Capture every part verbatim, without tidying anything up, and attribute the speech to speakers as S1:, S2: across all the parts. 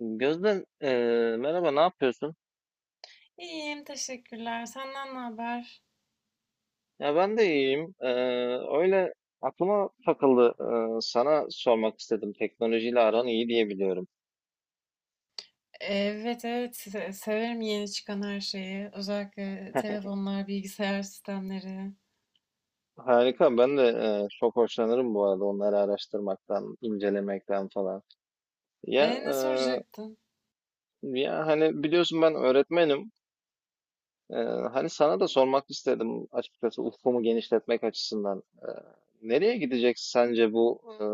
S1: Gözde, eee, merhaba, ne yapıyorsun?
S2: İyiyim, teşekkürler. Senden ne haber?
S1: Ya ben de iyiyim. Eee, öyle aklıma takıldı. Eee, sana sormak istedim. Teknolojiyle aran iyi diye biliyorum.
S2: Evet, evet. se- Severim yeni çıkan her şeyi. Özellikle telefonlar, bilgisayar sistemleri.
S1: Harika. Ben de eee, çok hoşlanırım bu arada onları araştırmaktan, incelemekten falan. Ya
S2: E, ne
S1: eee,
S2: soracaktın?
S1: Ya hani biliyorsun ben öğretmenim. Ee, Hani sana da sormak istedim açıkçası ufkumu genişletmek açısından. Ee, nereye gidecek sence bu e,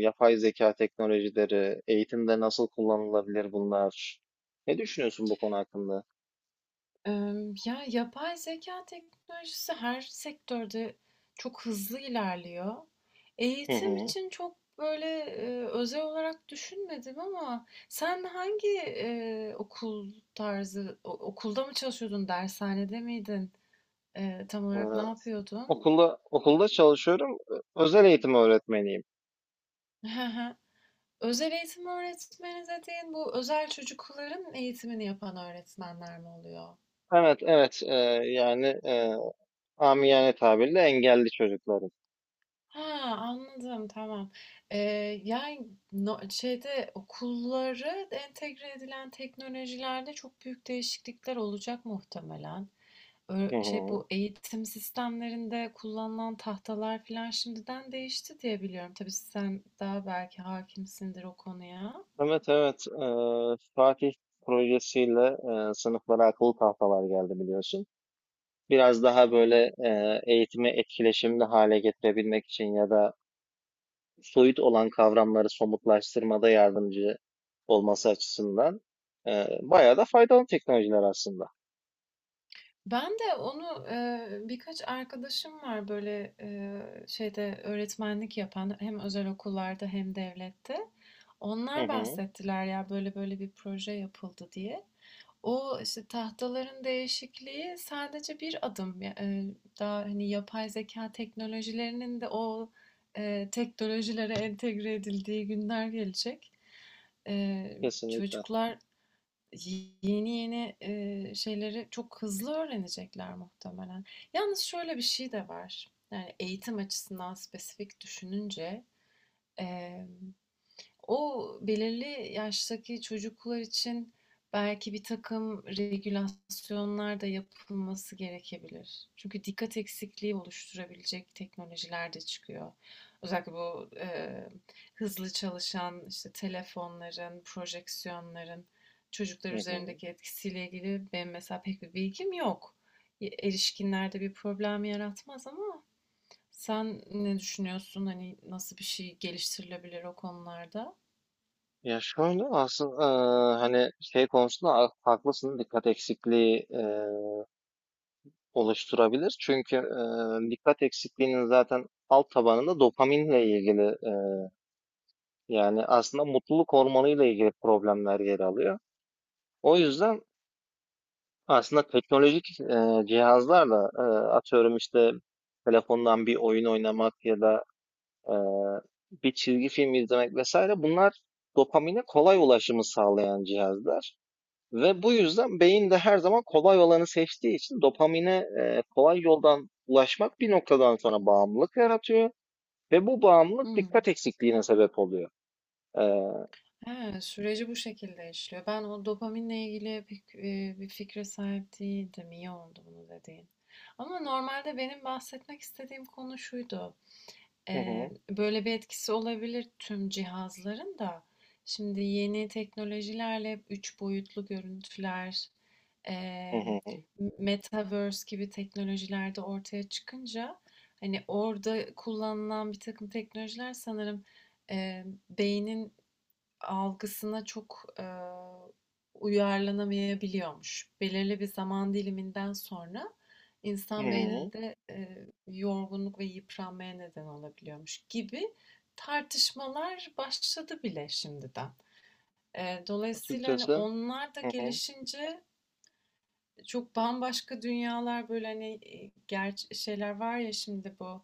S1: yapay zeka teknolojileri? Eğitimde nasıl kullanılabilir bunlar? Ne düşünüyorsun bu konu hakkında?
S2: Ee, Ya yapay zeka teknolojisi her sektörde çok hızlı ilerliyor.
S1: Hı
S2: Eğitim
S1: hı.
S2: için çok böyle e, özel olarak düşünmedim ama sen hangi e, okul tarzı, o- okulda mı çalışıyordun, dershanede miydin? E, tam
S1: Ee,
S2: olarak ne yapıyordun?
S1: okulda okulda çalışıyorum. Özel eğitim öğretmeniyim.
S2: Özel eğitim öğretmeni dediğin bu özel çocukların eğitimini yapan öğretmenler mi oluyor?
S1: Evet, evet. E, yani e, amiyane tabirle engelli çocukların.
S2: Ha, anladım, tamam. Ee, Yani no- şeyde okulları entegre edilen teknolojilerde çok büyük değişiklikler olacak muhtemelen. Ö-
S1: Hı
S2: şey,
S1: hı.
S2: bu eğitim sistemlerinde kullanılan tahtalar falan şimdiden değişti diye biliyorum. Tabii sen daha belki hakimsindir o konuya.
S1: Evet, evet, eee, Fatih projesiyle eee, sınıflara akıllı tahtalar geldi biliyorsun. Biraz daha böyle e, eğitimi etkileşimli hale getirebilmek için ya da soyut olan kavramları somutlaştırmada yardımcı olması açısından e, bayağı da faydalı teknolojiler aslında.
S2: Ben de onu, eee, birkaç arkadaşım var böyle, eee, şeyde öğretmenlik yapan hem özel okullarda hem devlette.
S1: Hı
S2: Onlar
S1: hı,
S2: bahsettiler ya böyle böyle bir proje yapıldı diye. O işte tahtaların değişikliği sadece bir adım. Ya- eee, daha hani yapay zeka teknolojilerinin de o, eee, teknolojilere entegre edildiği günler gelecek. Eee,
S1: kesinlikle.
S2: Çocuklar yeni yeni, eee, şeyleri çok hızlı öğrenecekler muhtemelen. Yalnız şöyle bir şey de var. Yani eğitim açısından spesifik düşününce, emm o belirli yaştaki çocuklar için belki bir takım regülasyonlar da yapılması gerekebilir. Çünkü dikkat eksikliği oluşturabilecek teknolojiler de çıkıyor. Özellikle bu e, hızlı çalışan işte telefonların, projeksiyonların çocuklar
S1: Hı hı.
S2: üzerindeki etkisiyle ilgili benim mesela pek bir bilgim yok. E, Erişkinlerde bir problem yaratmaz ama sen ne düşünüyorsun? Hani nasıl bir şey geliştirilebilir o konularda?
S1: Ya şöyle aslında e, hani şey konusunda ha- haklısın, dikkat eksikliği e, oluşturabilir. Çünkü e, dikkat eksikliğinin zaten alt tabanında dopaminle ilgili, e, yani aslında mutluluk hormonuyla ilgili problemler yer alıyor. O yüzden aslında teknolojik e, cihazlarla, e, atıyorum işte telefondan bir oyun oynamak ya da e, bir çizgi film izlemek vesaire, bunlar dopamine kolay ulaşımı sağlayan cihazlar. Ve bu yüzden beyin de her zaman kolay olanı seçtiği için dopamine e, kolay yoldan ulaşmak bir noktadan sonra bağımlılık yaratıyor ve bu bağımlılık
S2: Hmm.
S1: dikkat eksikliğine sebep oluyor. E,
S2: He, süreci bu şekilde işliyor. Ben o dopaminle ilgili pek, eee, bir fikre sahip değildim. İyi oldu bunu dediğin. Ama normalde benim bahsetmek istediğim konu şuydu.
S1: hı
S2: Eee,
S1: hı,
S2: böyle bir etkisi olabilir tüm cihazların da. Şimdi yeni teknolojilerle hep üç boyutlu görüntüler,
S1: hı
S2: eee,
S1: hı,
S2: metaverse gibi teknolojilerde ortaya çıkınca hani orada kullanılan bir takım teknolojiler sanırım, eee, beynin algısına çok, eee, uyarlanamayabiliyormuş. Belirli bir zaman diliminden sonra
S1: hı
S2: insan
S1: hı.
S2: beyninde, eee, yorgunluk ve yıpranmaya neden olabiliyormuş gibi tartışmalar başladı bile şimdiden. Eee, dolayısıyla, hani,
S1: Açıkçası
S2: onlar da
S1: hı hı,
S2: gelişince çok bambaşka dünyalar, böyle, hani, eee, şeyler var ya şimdi bu,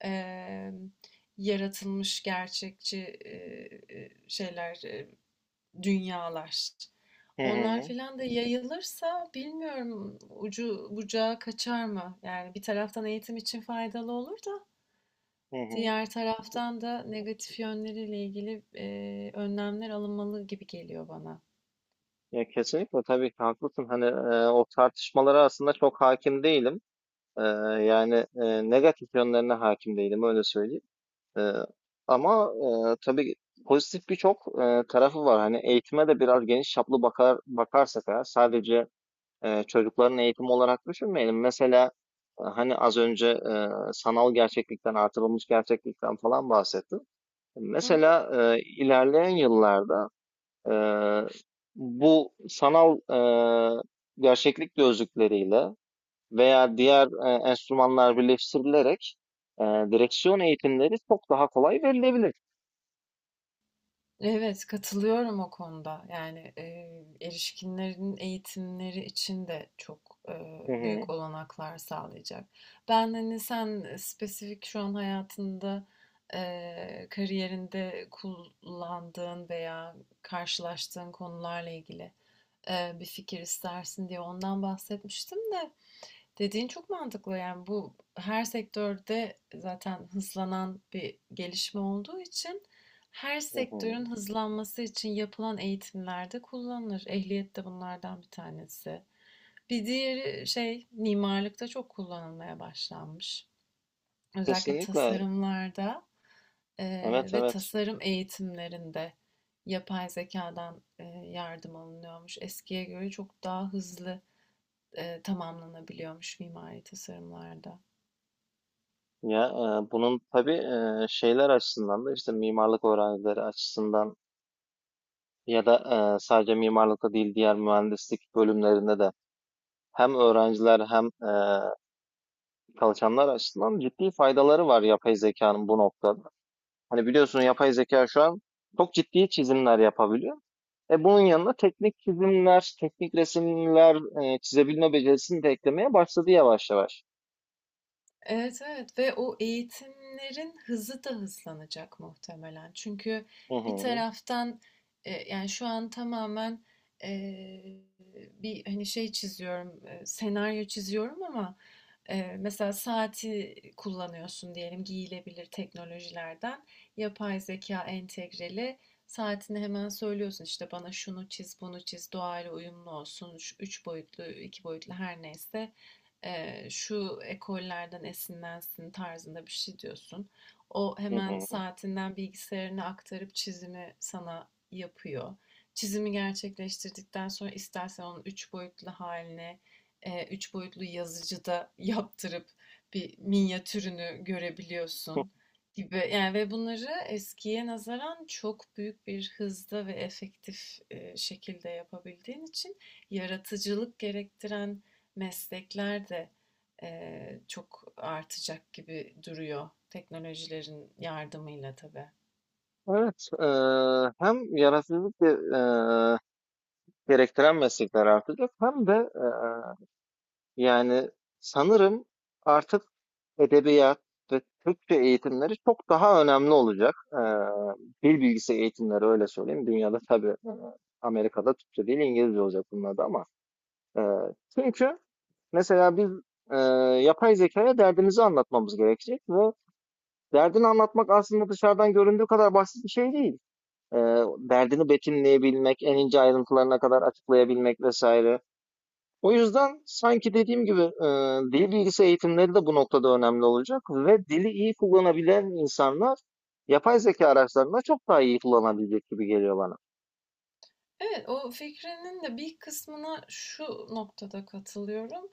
S2: emm, yaratılmış gerçekçi, eee, şeyler, eee, dünyalar.
S1: hı
S2: Onlar
S1: hı,
S2: filan da yayılırsa bilmiyorum ucu bucağı kaçar mı? Yani bir taraftan eğitim için faydalı olur da
S1: hı hı.
S2: diğer taraftan da negatif yönleriyle ilgili e, önlemler alınmalı gibi geliyor bana.
S1: Ya kesinlikle, tabii ki haklısın. Hani e, o tartışmalara aslında çok hakim değilim. E, Yani e, negatif yönlerine hakim değilim, öyle söyleyeyim. E, Ama e, tabii pozitif birçok e, tarafı var. Hani eğitime de biraz geniş çaplı bakar bakarsak, eğer sadece e, çocukların eğitimi olarak düşünmeyelim. Mesela e, hani az önce e, sanal gerçeklikten, artırılmış gerçeklikten falan bahsettim.
S2: Hı hı.
S1: Mesela e, ilerleyen yıllarda Eee, bu sanal eee, gerçeklik gözlükleriyle veya diğer eee, enstrümanlar birleştirilerek eee, direksiyon eğitimleri çok daha kolay verilebilir.
S2: Evet, katılıyorum o konuda. Yani, eee, erişkinlerin eğitimleri için de çok, eee,
S1: Hı hı,
S2: büyük olanaklar sağlayacak. Ben, hani, sen, eee, spesifik şu an hayatında, eee, kariyerinde kullandığın veya karşılaştığın konularla ilgili, eee, bir fikir istersin diye ondan bahsetmiştim de. Dediğin çok mantıklı, yani bu her sektörde zaten hızlanan bir gelişme olduğu için her
S1: hı hı.
S2: sektörün hızlanması için yapılan eğitimlerde kullanılır. Ehliyet de bunlardan bir tanesi. Bir diğeri şey, mimarlıkta çok kullanılmaya başlanmış. Özellikle
S1: Kesinlikle.
S2: tasarımlarda eee,
S1: Evet,
S2: ve
S1: evet.
S2: tasarım eğitimlerinde yapay zekadan eee, yardım alınıyormuş. Eskiye göre çok daha hızlı eee, tamamlanabiliyormuş mimari tasarımlarda.
S1: Ya eee, bunun tabii eee, şeyler açısından da işte mimarlık öğrencileri açısından ya da eee, sadece mimarlıkta değil, diğer mühendislik bölümlerinde de hem öğrenciler hem eee, çalışanlar açısından ciddi faydaları var yapay zekanın bu noktada. Hani biliyorsun yapay zeka şu an çok ciddi çizimler yapabiliyor. E bunun yanına teknik çizimler, teknik resimler e, çizebilme becerisini de eklemeye başladı yavaş yavaş.
S2: Evet, evet, ve o eğitimlerin hızı da hızlanacak muhtemelen. Çünkü
S1: Hı
S2: bir
S1: hı,
S2: taraftan e, yani şu an tamamen e, bir hani şey çiziyorum, e, senaryo çiziyorum ama e, mesela saati kullanıyorsun diyelim, giyilebilir teknolojilerden yapay zeka entegreli saatini hemen söylüyorsun, işte bana şunu çiz, bunu çiz, doğayla uyumlu olsun, şu üç boyutlu, iki boyutlu her neyse eee, şu ekollerden esinlensin tarzında bir şey diyorsun. O
S1: hı
S2: hemen
S1: hı.
S2: saatinden bilgisayarına aktarıp çizimi sana yapıyor. Çizimi gerçekleştirdikten sonra istersen onun üç boyutlu haline, eee, üç boyutlu yazıcıda yaptırıp bir minyatürünü görebiliyorsun gibi. Yani ve bunları eskiye nazaran çok büyük bir hızda ve efektif eee, şekilde yapabildiğin için yaratıcılık gerektiren meslekler de eee, çok artacak gibi duruyor teknolojilerin yardımıyla tabii.
S1: Evet, e, hem yaratıcılık e, gerektiren meslekler artacak, hem de e, yani sanırım artık edebiyat ve Türkçe eğitimleri çok daha önemli olacak. Ee, dil bilgisi eğitimleri, öyle söyleyeyim. Dünyada tabii e, Amerika'da Türkçe değil İngilizce olacak bunlarda ama. e, Çünkü mesela biz e, yapay zekaya derdimizi anlatmamız gerekecek ve derdini anlatmak aslında dışarıdan göründüğü kadar basit bir şey değil. E, Derdini betimleyebilmek, en ince ayrıntılarına kadar açıklayabilmek vesaire. O yüzden sanki dediğim gibi e, dil bilgisi eğitimleri de bu noktada önemli olacak ve dili iyi kullanabilen insanlar yapay zeka araçlarında çok daha iyi kullanabilecek gibi geliyor bana.
S2: Evet, o fikrinin de bir kısmına şu noktada katılıyorum.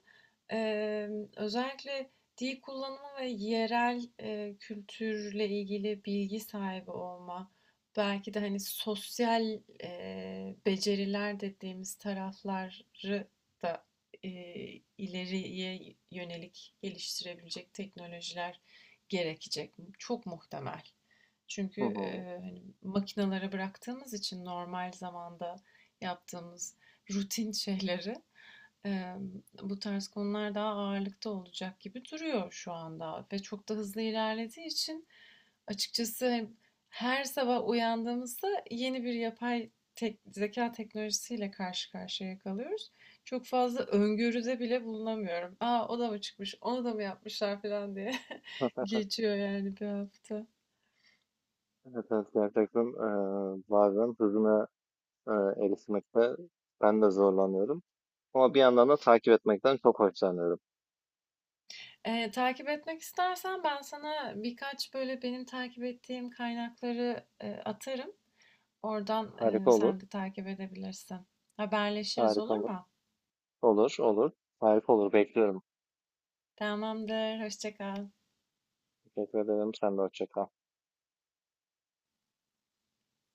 S2: Eee, Özellikle dil kullanımı ve yerel eee, kültürle ilgili bilgi sahibi olma, belki de hani sosyal eee, beceriler dediğimiz tarafları da eee, ileriye yönelik geliştirebilecek teknolojiler gerekecek. Çok muhtemel. Çünkü
S1: Hı
S2: e,
S1: hı.
S2: hani makinalara bıraktığımız için normal zamanda yaptığımız rutin şeyleri e, bu tarz konular daha ağırlıkta olacak gibi duruyor şu anda ve çok da hızlı ilerlediği için açıkçası her sabah uyandığımızda yeni bir yapay tek- zeka teknolojisiyle karşı karşıya kalıyoruz. Çok fazla öngörüde bile bulunamıyorum. Aa, o da mı çıkmış, onu da mı yapmışlar falan diye geçiyor yani bir hafta.
S1: Evet, evet, gerçekten e, bazen hızına e, erişmekte ben de zorlanıyorum. Ama bir yandan da takip etmekten çok hoşlanıyorum.
S2: Eee, takip etmek istersen ben sana birkaç böyle benim takip ettiğim kaynakları, eee, atarım. Oradan, eee,
S1: Harika olur,
S2: sen de takip edebilirsin. Haberleşiriz,
S1: harika
S2: olur
S1: olur,
S2: mu?
S1: olur, olur, harika olur. Bekliyorum.
S2: Tamamdır, hoşça kal.
S1: Teşekkür ederim. Sen de hoşça kal.